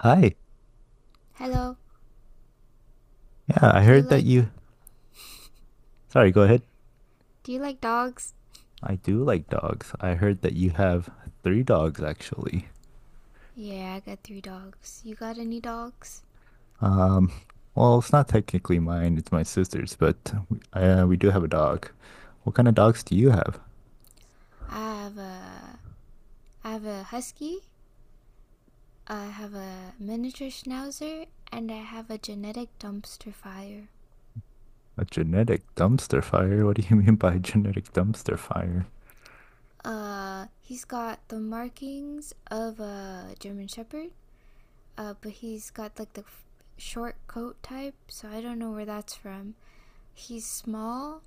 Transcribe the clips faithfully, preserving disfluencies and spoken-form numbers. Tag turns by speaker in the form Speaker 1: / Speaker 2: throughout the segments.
Speaker 1: Hi.
Speaker 2: Hello.
Speaker 1: Yeah, I
Speaker 2: Do you
Speaker 1: heard that
Speaker 2: like
Speaker 1: you. Sorry, go ahead.
Speaker 2: do you like dogs?
Speaker 1: I do like dogs. I heard that you have three dogs, actually.
Speaker 2: Yeah, I got three dogs. You got any dogs?
Speaker 1: Um, well, it's not technically mine, it's my sister's, but we, uh, we do have a dog. What kind of dogs do you have?
Speaker 2: I have a I have a husky, I have a miniature schnauzer, and I have a genetic dumpster fire.
Speaker 1: A genetic dumpster fire? What do you mean by genetic dumpster fire?
Speaker 2: Uh, he's got the markings of a German shepherd, uh, but he's got like the f- short coat type, so I don't know where that's from. He's small.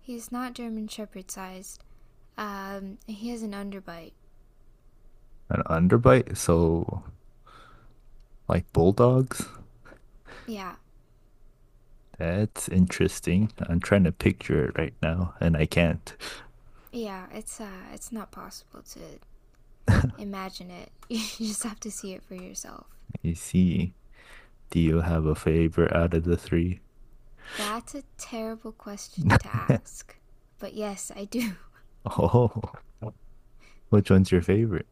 Speaker 2: He's not German shepherd sized. Um, he has an underbite.
Speaker 1: An underbite? So, like bulldogs?
Speaker 2: Yeah.
Speaker 1: That's interesting. I'm trying to picture it right now and I can't.
Speaker 2: Yeah, it's uh, it's not possible to imagine it. You just have to see it for yourself.
Speaker 1: You see, do you have a favorite out of the three?
Speaker 2: That's a terrible question to ask. But yes, I do.
Speaker 1: Oh, which one's your favorite?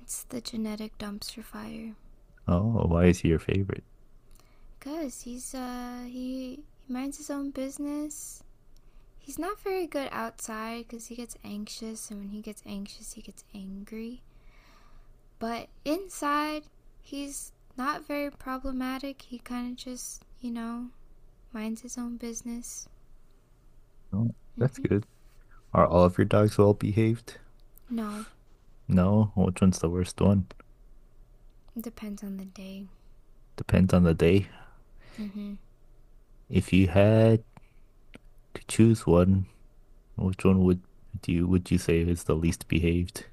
Speaker 2: It's the genetic dumpster fire.
Speaker 1: Oh, why is he your favorite?
Speaker 2: Cause he's uh he, he minds his own business. He's not very good outside because he gets anxious, and when he gets anxious, he gets angry. But inside, he's not very problematic. He kind of just, you know, minds his own business.
Speaker 1: Oh, that's
Speaker 2: Mm-hmm.
Speaker 1: good. Are all of your dogs well behaved?
Speaker 2: No,
Speaker 1: No, which one's the worst one?
Speaker 2: it depends on the day.
Speaker 1: Depends on the day.
Speaker 2: Mm-hmm.
Speaker 1: If you had to choose one, which one would do you would you say is the least behaved?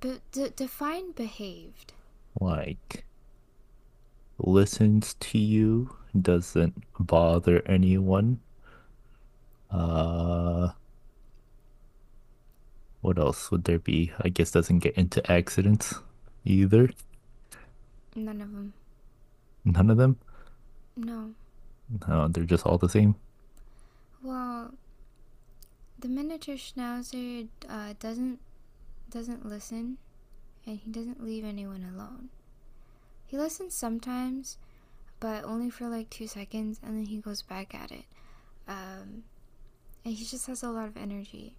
Speaker 2: But d- define behaved.
Speaker 1: Like listens to you, doesn't bother anyone. Uh, what else would there be? I guess doesn't get into accidents either.
Speaker 2: None of them.
Speaker 1: None of them.
Speaker 2: No.
Speaker 1: No, they're just all the same.
Speaker 2: Well, the miniature schnauzer uh, doesn't doesn't listen, and he doesn't leave anyone alone. He listens sometimes, but only for like two seconds, and then he goes back at it. Um, and he just has a lot of energy.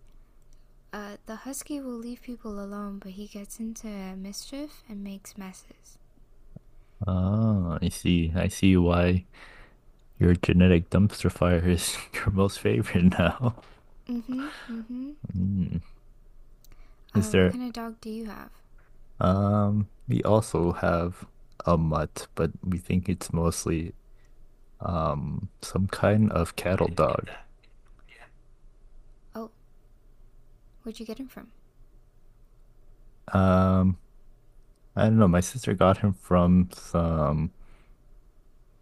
Speaker 2: Uh, the husky will leave people alone, but he gets into mischief and makes messes.
Speaker 1: Ah, I see. I see why your genetic dumpster fire is your most favorite now.
Speaker 2: Mm-hmm. Mm-hmm.
Speaker 1: Hmm. Is
Speaker 2: Uh, what
Speaker 1: there?
Speaker 2: kind of dog do you have?
Speaker 1: Um, we also have a mutt, but we think it's mostly um some kind of cattle dog.
Speaker 2: Oh, where'd you get him from?
Speaker 1: Um, I don't know. My sister got him from some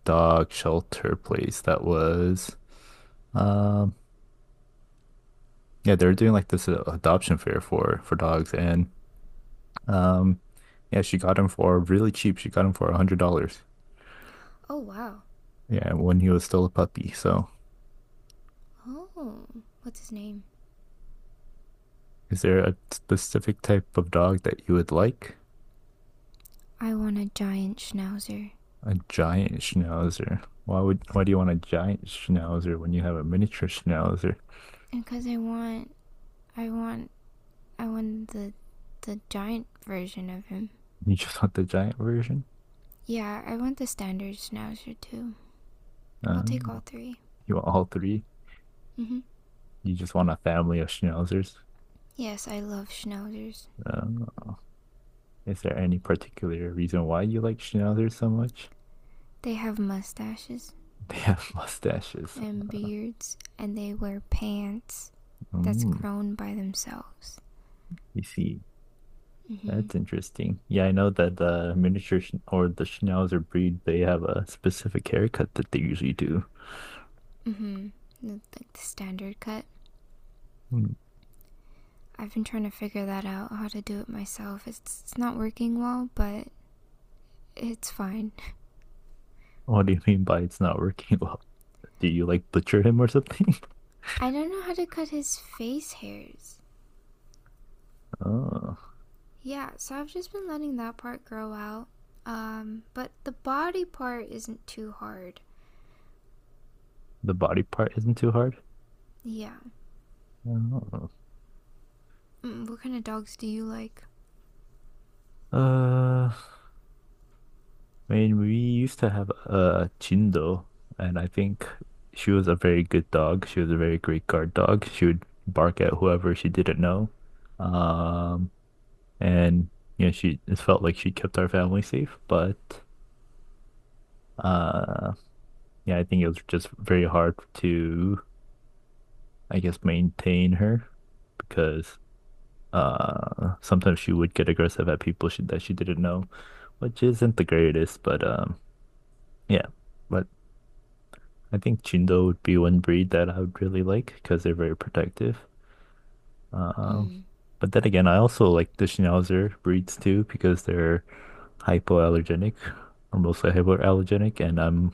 Speaker 1: dog shelter place that was. Um, yeah, they were doing like this uh, adoption fair for for dogs, and um, yeah, she got him for really cheap. She got him for a hundred dollars.
Speaker 2: Oh, wow.
Speaker 1: Yeah, when he was still a puppy. So,
Speaker 2: Oh, what's his name?
Speaker 1: is there a specific type of dog that you would like?
Speaker 2: I want a giant schnauzer.
Speaker 1: A giant schnauzer. Why would why do you want a giant schnauzer when you have a miniature schnauzer?
Speaker 2: And cuz I want I want I want the the giant version of him.
Speaker 1: You just want the giant version?
Speaker 2: Yeah, I want the standard schnauzer too. I'll take
Speaker 1: Uh,
Speaker 2: all three.
Speaker 1: you want all three?
Speaker 2: Mhm.
Speaker 1: You just want a family of schnauzers?
Speaker 2: Yes, I love schnauzers.
Speaker 1: Uh, is there any particular reason why you like schnauzers so much?
Speaker 2: They have mustaches
Speaker 1: They have mustaches.
Speaker 2: and beards and they wear pants that's
Speaker 1: Mm,
Speaker 2: grown by themselves.
Speaker 1: you see.
Speaker 2: Mhm.
Speaker 1: That's interesting. Yeah, I know that the miniature schn- or the Schnauzer breed, they have a specific haircut that they usually do.
Speaker 2: Mhm. Like the standard cut.
Speaker 1: Hmm.
Speaker 2: I've been trying to figure that out, how to do it myself. It's, it's not working well, but it's fine.
Speaker 1: What do you mean by it's not working well? Do you like butcher him or something?
Speaker 2: I don't know how to cut his face hairs.
Speaker 1: Oh,
Speaker 2: Yeah, so I've just been letting that part grow out. Um, but the body part isn't too hard.
Speaker 1: the body part isn't too hard?
Speaker 2: Yeah.
Speaker 1: Oh.
Speaker 2: Mm, what kind of dogs do you like?
Speaker 1: Uh, I mean, we used to have a Chindo, and I think she was a very good dog. She was a very great guard dog. She would bark at whoever she didn't know. Um, and you know she it felt like she kept our family safe, but uh yeah, I think it was just very hard to, I guess, maintain her because uh sometimes she would get aggressive at people she, that she didn't know, which isn't the greatest, but um yeah, but I think Chindo would be one breed that I would really like because they're very protective. Um,
Speaker 2: Mm.
Speaker 1: but then again, I also like the Schnauzer breeds too because they're hypoallergenic or mostly hypoallergenic, and I'm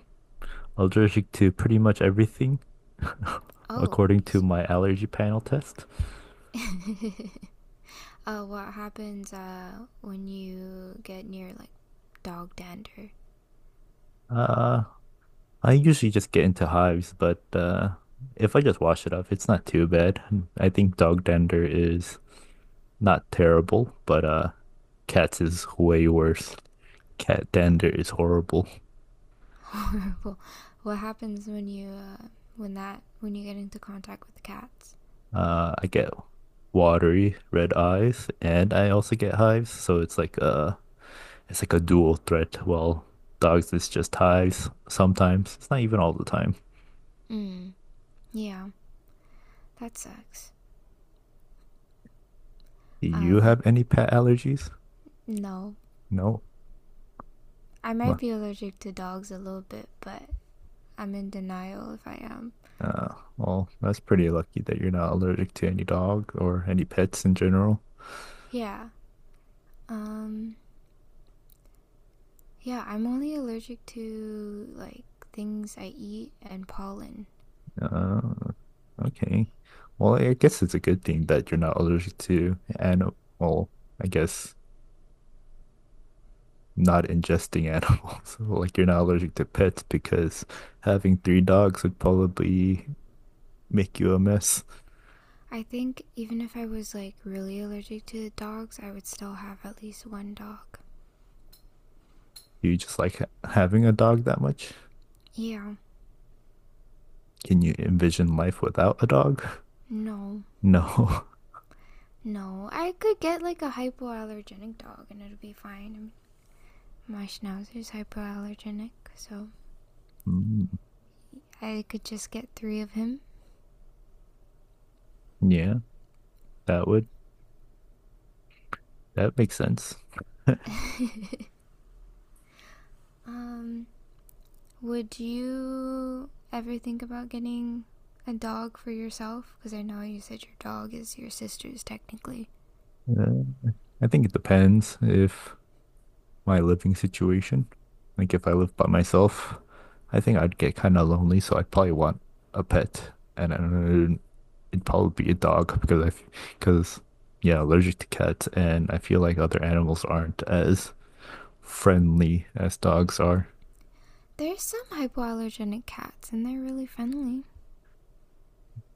Speaker 1: allergic to pretty much everything
Speaker 2: Oh,
Speaker 1: according
Speaker 2: you
Speaker 1: to
Speaker 2: see.
Speaker 1: my allergy panel test.
Speaker 2: uh, what happens uh, when you get near like dog dander?
Speaker 1: Uh, I usually just get into hives, but uh, if I just wash it off, it's not too bad. I think dog dander is not terrible, but uh, cats is way worse. Cat dander is horrible.
Speaker 2: Horrible. What happens when you uh, when that when you get into contact with cats?
Speaker 1: Uh, I get watery red eyes, and I also get hives. So it's like a it's like a dual threat. Well, dogs is just hives sometimes. It's not even all the time.
Speaker 2: Mm. Yeah, that sucks.
Speaker 1: Do you
Speaker 2: Um,
Speaker 1: have any pet allergies?
Speaker 2: no,
Speaker 1: No.
Speaker 2: I might
Speaker 1: Ma-
Speaker 2: be allergic to dogs a little bit, but I'm in denial if I am.
Speaker 1: Uh, well, that's pretty lucky that you're not allergic to any dog or any pets in general.
Speaker 2: Yeah. Um, yeah, I'm only allergic to like things I eat and pollen.
Speaker 1: Uh, okay. Well, I guess it's a good thing that you're not allergic to animal. I guess not ingesting animals. Like you're not allergic to pets because having three dogs would probably make you a mess.
Speaker 2: I think even if I was like really allergic to dogs, I would still have at least one dog.
Speaker 1: Do you just like ha- having a dog that much?
Speaker 2: Yeah.
Speaker 1: Can you envision life without a dog?
Speaker 2: No.
Speaker 1: No.
Speaker 2: No, I could get like a hypoallergenic dog and it'll be fine. I mean, my schnauzer's hypoallergenic, so
Speaker 1: Mm,
Speaker 2: I could just get three of him.
Speaker 1: yeah, that would that makes sense.
Speaker 2: um, would you ever think about getting a dog for yourself? Because I know you said your dog is your sister's technically.
Speaker 1: Uh, I think it depends if my living situation. Like if I live by myself, I think I'd get kind of lonely, so I'd probably want a pet, and uh, it'd probably be a dog because I, f- because yeah, allergic to cats, and I feel like other animals aren't as friendly as dogs are.
Speaker 2: There's some hypoallergenic cats and they're really friendly.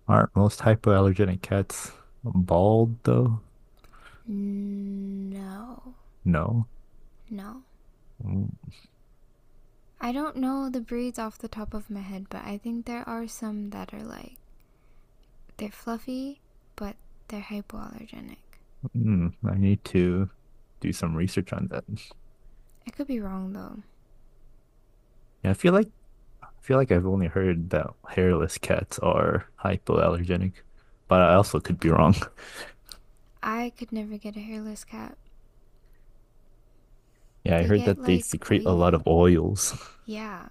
Speaker 1: Aren't most hypoallergenic cats bald though?
Speaker 2: No,
Speaker 1: No.
Speaker 2: no. I don't know the breeds off the top of my head, but I think there are some that are like they're fluffy, but they're hypoallergenic.
Speaker 1: Mm, I need to do some research on that.
Speaker 2: I could be wrong though.
Speaker 1: Yeah, I feel like I feel like I've only heard that hairless cats are hypoallergenic, but I also could be wrong.
Speaker 2: I could never get a hairless cat.
Speaker 1: Yeah, I
Speaker 2: They
Speaker 1: heard
Speaker 2: get
Speaker 1: that they
Speaker 2: like
Speaker 1: secrete a lot
Speaker 2: oily.
Speaker 1: of oils.
Speaker 2: Yeah.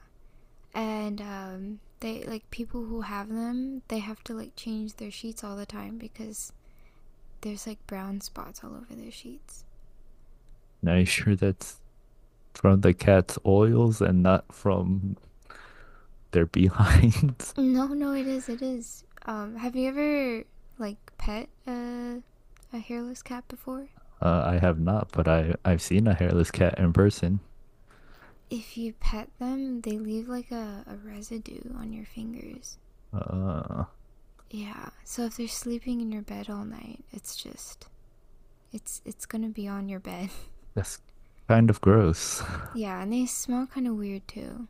Speaker 2: And um they like people who have them, they have to like change their sheets all the time because there's like brown spots all over their sheets.
Speaker 1: Now, you sure that's from the cat's oils and not from their behinds?
Speaker 2: No, no, it is. It is. Um, have you ever like pet a a hairless cat before?
Speaker 1: Uh, I have not, but I, I've seen a hairless cat in person.
Speaker 2: If you pet them, they leave like a, a residue on your fingers.
Speaker 1: Uh,
Speaker 2: Yeah. So if they're sleeping in your bed all night, it's just it's it's gonna be on your bed.
Speaker 1: that's kind of gross.
Speaker 2: Yeah, and they smell kind of weird too.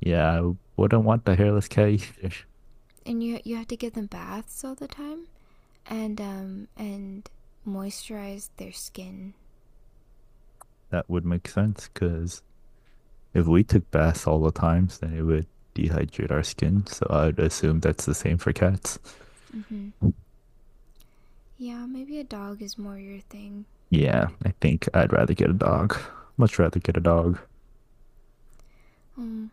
Speaker 1: Yeah, I wouldn't want the hairless cat either.
Speaker 2: And you you have to give them baths all the time and um and moisturize their skin.
Speaker 1: That would make sense because if we took baths all the times, then it would dehydrate our skin. So I would assume that's the same for cats.
Speaker 2: Mm-hmm. Yeah, maybe a dog is more your thing.
Speaker 1: Yeah, I think I'd rather get a dog. Much rather get a dog.
Speaker 2: Um,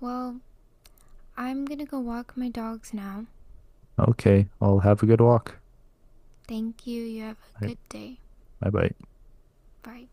Speaker 2: well, I'm gonna go walk my dogs now.
Speaker 1: Okay, I'll have a good walk.
Speaker 2: Thank you. You have
Speaker 1: All
Speaker 2: a
Speaker 1: right,
Speaker 2: good day.
Speaker 1: bye bye.
Speaker 2: Bye.